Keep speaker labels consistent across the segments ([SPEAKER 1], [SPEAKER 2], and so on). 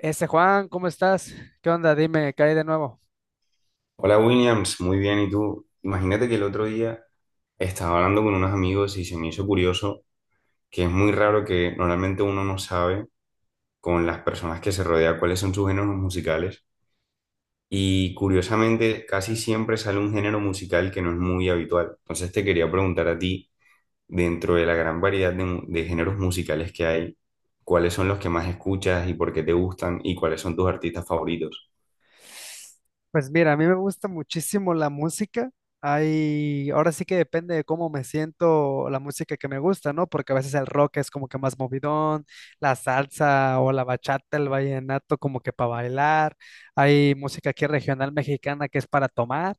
[SPEAKER 1] Ese Juan, ¿cómo estás? ¿Qué onda? Dime, ¿qué hay de nuevo?
[SPEAKER 2] Hola Williams, muy bien. ¿Y tú? Imagínate que el otro día estaba hablando con unos amigos y se me hizo curioso que es muy raro que normalmente uno no sabe con las personas que se rodea cuáles son sus géneros musicales y curiosamente casi siempre sale un género musical que no es muy habitual. Entonces te quería preguntar a ti, dentro de la gran variedad de, de géneros musicales que hay, ¿cuáles son los que más escuchas y por qué te gustan y cuáles son tus artistas favoritos?
[SPEAKER 1] Pues mira, a mí me gusta muchísimo la música. Hay, ahora sí que depende de cómo me siento la música que me gusta, ¿no? Porque a veces el rock es como que más movidón, la salsa o la bachata, el vallenato como que para bailar. Hay música aquí regional mexicana que es para tomar.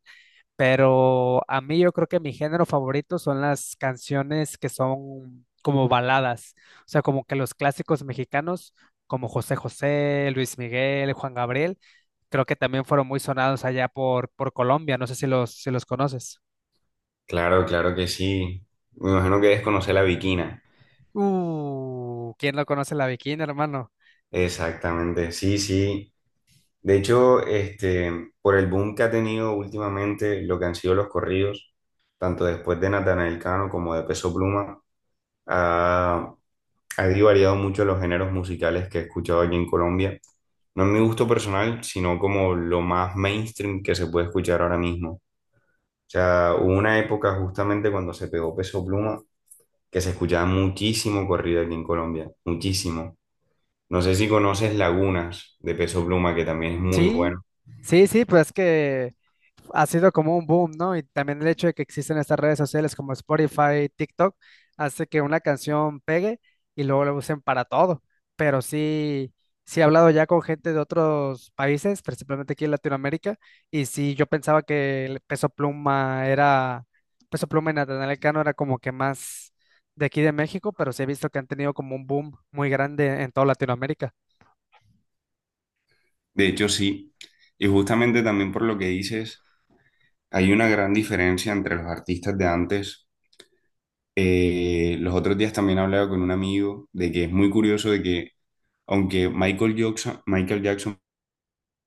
[SPEAKER 1] Pero a mí yo creo que mi género favorito son las canciones que son como baladas, o sea, como que los clásicos mexicanos, como José José, Luis Miguel, Juan Gabriel, creo que también fueron muy sonados allá por Colombia, no sé si si los conoces.
[SPEAKER 2] Claro, claro que sí. Me imagino que debes conocer la Bikina.
[SPEAKER 1] ¿Quién no conoce la Bikini, hermano?
[SPEAKER 2] Exactamente, sí, sí. De hecho, por el boom que ha tenido últimamente lo que han sido los corridos, tanto después de Natanael Cano como de Peso Pluma, ha, ha variado mucho los géneros musicales que he escuchado aquí en Colombia. No en mi gusto personal, sino como lo más mainstream que se puede escuchar ahora mismo. O sea, hubo una época justamente cuando se pegó Peso Pluma que se escuchaba muchísimo corrido aquí en Colombia, muchísimo. No sé si conoces Lagunas de Peso Pluma, que también es muy
[SPEAKER 1] Sí,
[SPEAKER 2] bueno.
[SPEAKER 1] sí, sí, pues es que ha sido como un boom, ¿no? Y también el hecho de que existen estas redes sociales como Spotify, TikTok, hace que una canción pegue y luego la usen para todo. Pero sí, sí he hablado ya con gente de otros países, principalmente aquí en Latinoamérica, y sí yo pensaba que el Peso Pluma era, Peso Pluma y Natanael Cano era como que más de aquí de México, pero sí he visto que han tenido como un boom muy grande en toda Latinoamérica.
[SPEAKER 2] De hecho, sí. Y justamente también por lo que dices, hay una gran diferencia entre los artistas de antes. Los otros días también hablaba con un amigo de que es muy curioso de que, aunque Michael Jackson, Michael Jackson,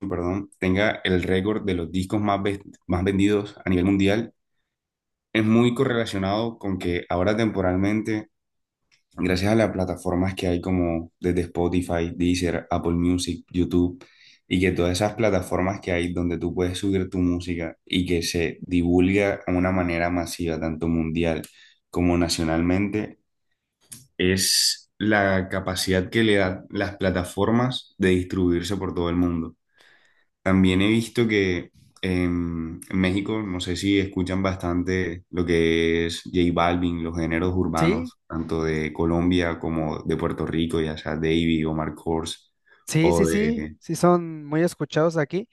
[SPEAKER 2] perdón, tenga el récord de los discos más, más vendidos a nivel mundial, es muy correlacionado con que ahora temporalmente gracias a las plataformas que hay como desde Spotify, Deezer, Apple Music, YouTube, y que todas esas plataformas que hay donde tú puedes subir tu música y que se divulga de una manera masiva, tanto mundial como nacionalmente, es la capacidad que le dan las plataformas de distribuirse por todo el mundo. También he visto que en México, no sé si escuchan bastante lo que es J Balvin, los géneros
[SPEAKER 1] Sí,
[SPEAKER 2] urbanos, tanto de Colombia como de Puerto Rico, ya sea Davy o Marc Kors,
[SPEAKER 1] sí,
[SPEAKER 2] o
[SPEAKER 1] sí, sí,
[SPEAKER 2] de...
[SPEAKER 1] sí son muy escuchados aquí.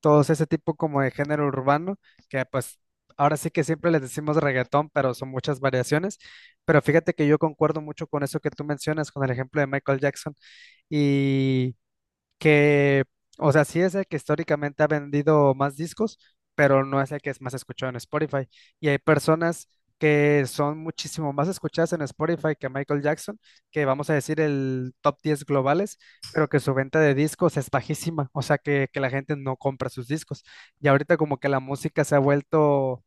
[SPEAKER 1] Todos ese tipo como de género urbano, que pues ahora sí que siempre les decimos reggaetón, pero son muchas variaciones. Pero fíjate que yo concuerdo mucho con eso que tú mencionas, con el ejemplo de Michael Jackson. Y que, o sea, sí es el que históricamente ha vendido más discos, pero no es el que es más escuchado en Spotify. Y hay personas que son muchísimo más escuchadas en Spotify que Michael Jackson, que vamos a decir el top 10 globales, pero que su venta de discos es bajísima, o sea, que la gente no compra sus discos. Y ahorita como que la música se ha vuelto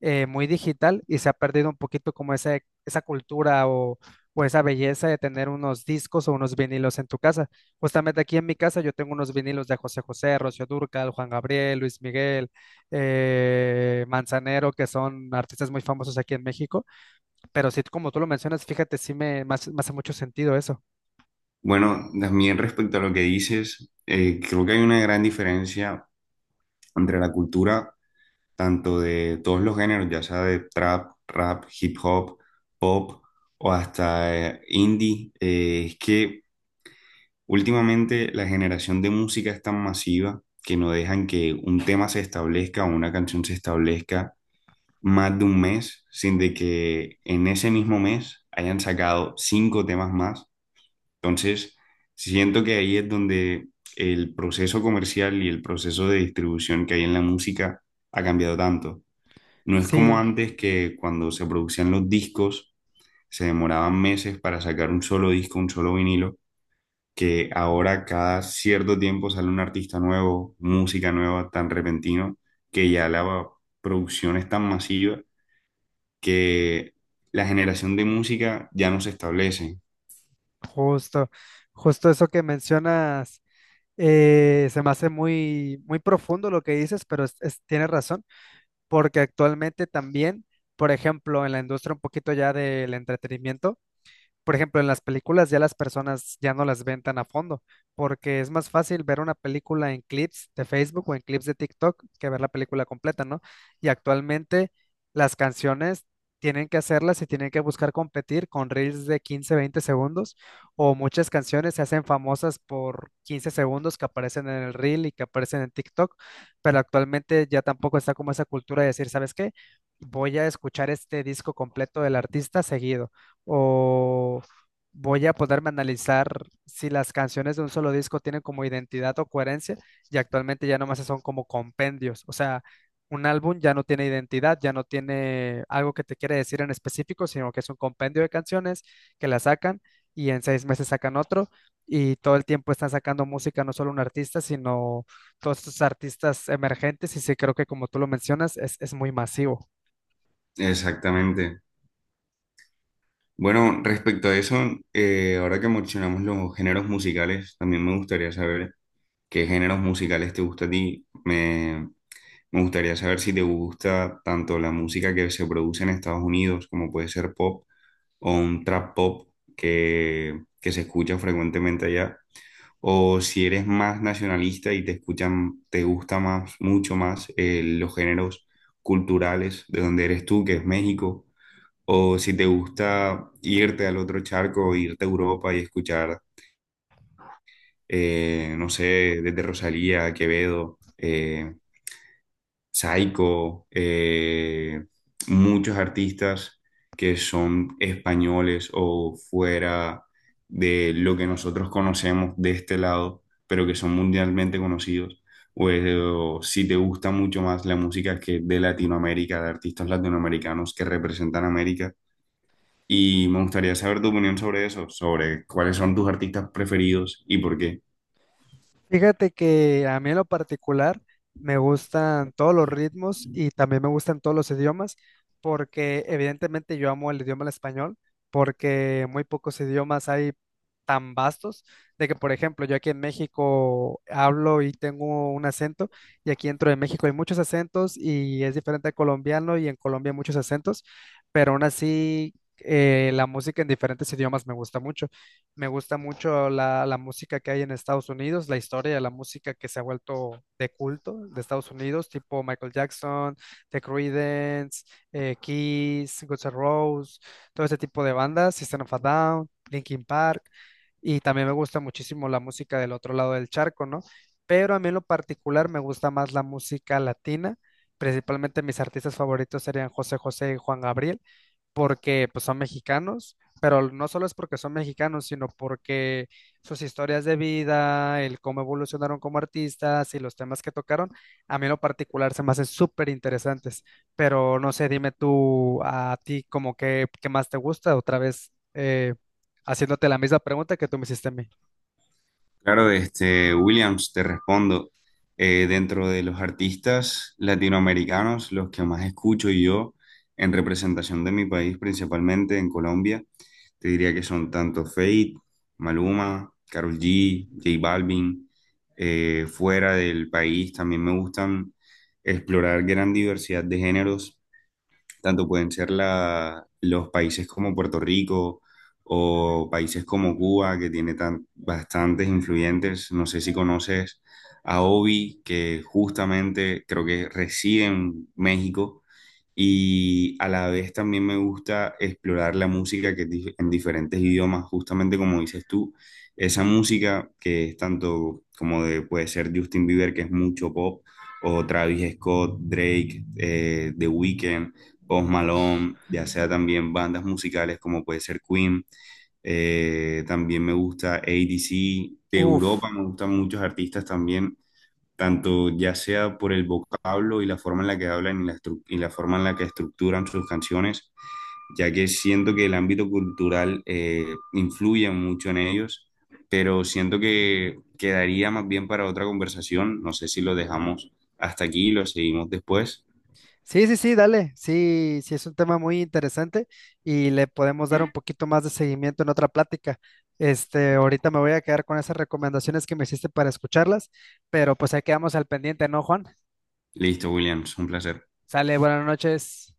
[SPEAKER 1] muy digital y se ha perdido un poquito como esa cultura o esa belleza de tener unos discos o unos vinilos en tu casa. Justamente aquí en mi casa yo tengo unos vinilos de José José, Rocío Dúrcal, Juan Gabriel, Luis Miguel, Manzanero, que son artistas muy famosos aquí en México. Pero sí, como tú lo mencionas, fíjate, me hace mucho sentido eso.
[SPEAKER 2] Bueno, también respecto a lo que dices, creo que hay una gran diferencia entre la cultura, tanto de todos los géneros, ya sea de trap, rap, hip hop, pop o hasta indie, es que últimamente la generación de música es tan masiva que no dejan que un tema se establezca o una canción se establezca más de un mes sin de que en ese mismo mes hayan sacado cinco temas más. Entonces, siento que ahí es donde el proceso comercial y el proceso de distribución que hay en la música ha cambiado tanto. No es como
[SPEAKER 1] Sí,
[SPEAKER 2] antes que cuando se producían los discos se demoraban meses para sacar un solo disco, un solo vinilo, que ahora cada cierto tiempo sale un artista nuevo, música nueva tan repentino, que ya la producción es tan masiva que la generación de música ya no se establece.
[SPEAKER 1] justo, justo eso que mencionas. Eh, se me hace muy profundo lo que dices, pero tienes razón. Porque actualmente también, por ejemplo, en la industria un poquito ya del entretenimiento, por ejemplo, en las películas ya las personas ya no las ven tan a fondo, porque es más fácil ver una película en clips de Facebook o en clips de TikTok que ver la película completa, ¿no? Y actualmente las canciones tienen que hacerlas y tienen que buscar competir con reels de 15, 20 segundos, o muchas canciones se hacen famosas por 15 segundos que aparecen en el reel y que aparecen en TikTok, pero actualmente ya tampoco está como esa cultura de decir, ¿sabes qué? Voy a escuchar este disco completo del artista seguido o voy a poderme analizar si las canciones de un solo disco tienen como identidad o coherencia y actualmente ya nomás son como compendios, o sea, un álbum ya no tiene identidad, ya no tiene algo que te quiere decir en específico, sino que es un compendio de canciones que la sacan y en 6 meses sacan otro y todo el tiempo están sacando música, no solo un artista, sino todos estos artistas emergentes y sí creo que como tú lo mencionas, es muy masivo.
[SPEAKER 2] Exactamente. Bueno, respecto a eso, ahora que mencionamos los géneros musicales, también me gustaría saber qué géneros musicales te gusta a ti. Me gustaría saber si te gusta tanto la música que se produce en Estados Unidos, como puede ser pop o un trap pop que se escucha frecuentemente allá, o si eres más nacionalista y te escuchan, te gusta más, mucho más los géneros culturales de donde eres tú, que es México, o si te gusta irte al otro charco, irte a Europa y escuchar, no sé, desde Rosalía, Quevedo. Saiko, muchos artistas que son españoles o fuera de lo que nosotros conocemos de este lado, pero que son mundialmente conocidos. O si te gusta mucho más la música que de Latinoamérica, de artistas latinoamericanos que representan América. Y me gustaría saber tu opinión sobre eso, sobre cuáles son tus artistas preferidos y por qué.
[SPEAKER 1] Fíjate que a mí en lo particular me gustan todos los ritmos y también me gustan todos los idiomas porque evidentemente yo amo el idioma el español porque muy pocos idiomas hay tan vastos de que por ejemplo yo aquí en México hablo y tengo un acento y aquí dentro de México hay muchos acentos y es diferente al colombiano y en Colombia hay muchos acentos pero aún así la música en diferentes idiomas me gusta mucho. Me gusta mucho la música que hay en Estados Unidos, la historia de la música que se ha vuelto de culto de Estados Unidos, tipo Michael Jackson, The Creedence, Kiss, Guns N' Roses, todo ese tipo de bandas, System of a Down, Linkin Park, y también me gusta muchísimo la música del otro lado del charco, ¿no? Pero a mí en lo particular me gusta más la música latina, principalmente mis artistas favoritos serían José José y Juan Gabriel porque pues, son mexicanos, pero no solo es porque son mexicanos, sino porque sus historias de vida, el cómo evolucionaron como artistas y los temas que tocaron, a mí en lo particular se me hacen súper interesantes. Pero no sé, dime tú a ti como que, qué más te gusta, otra vez haciéndote la misma pregunta que tú me hiciste a mí.
[SPEAKER 2] Claro, Williams, te respondo. Dentro de los artistas latinoamericanos, los que más escucho yo en representación de mi país, principalmente en Colombia, te diría que son tanto Fate, Maluma, Karol G, J Balvin. Fuera del país también me gustan explorar gran diversidad de géneros. Tanto pueden ser los países como Puerto Rico o países como Cuba, que tiene tan, bastantes influyentes. No sé si conoces a Obi, que justamente creo que reside en México. Y a la vez también me gusta explorar la música que es en diferentes idiomas, justamente como dices tú, esa música que es tanto como de, puede ser Justin Bieber, que es mucho pop, o Travis Scott, Drake, The Weeknd, Post Malone, ya sea también bandas musicales como puede ser Queen. También me gusta ADC. De
[SPEAKER 1] Uf.
[SPEAKER 2] Europa me gustan muchos artistas también, tanto ya sea por el vocablo y la forma en la que hablan y y la forma en la que estructuran sus canciones, ya que siento que el ámbito cultural influye mucho en ellos, pero siento que quedaría más bien para otra conversación. No sé si lo dejamos hasta aquí y lo seguimos después.
[SPEAKER 1] Sí, sí, sí, dale. Sí, sí, es un tema muy interesante y le podemos dar un poquito más de seguimiento en otra plática. Este, ahorita me voy a quedar con esas recomendaciones que me hiciste para escucharlas, pero pues ahí quedamos al pendiente, ¿no, Juan?
[SPEAKER 2] Listo, Williams, un placer.
[SPEAKER 1] Sale, buenas noches.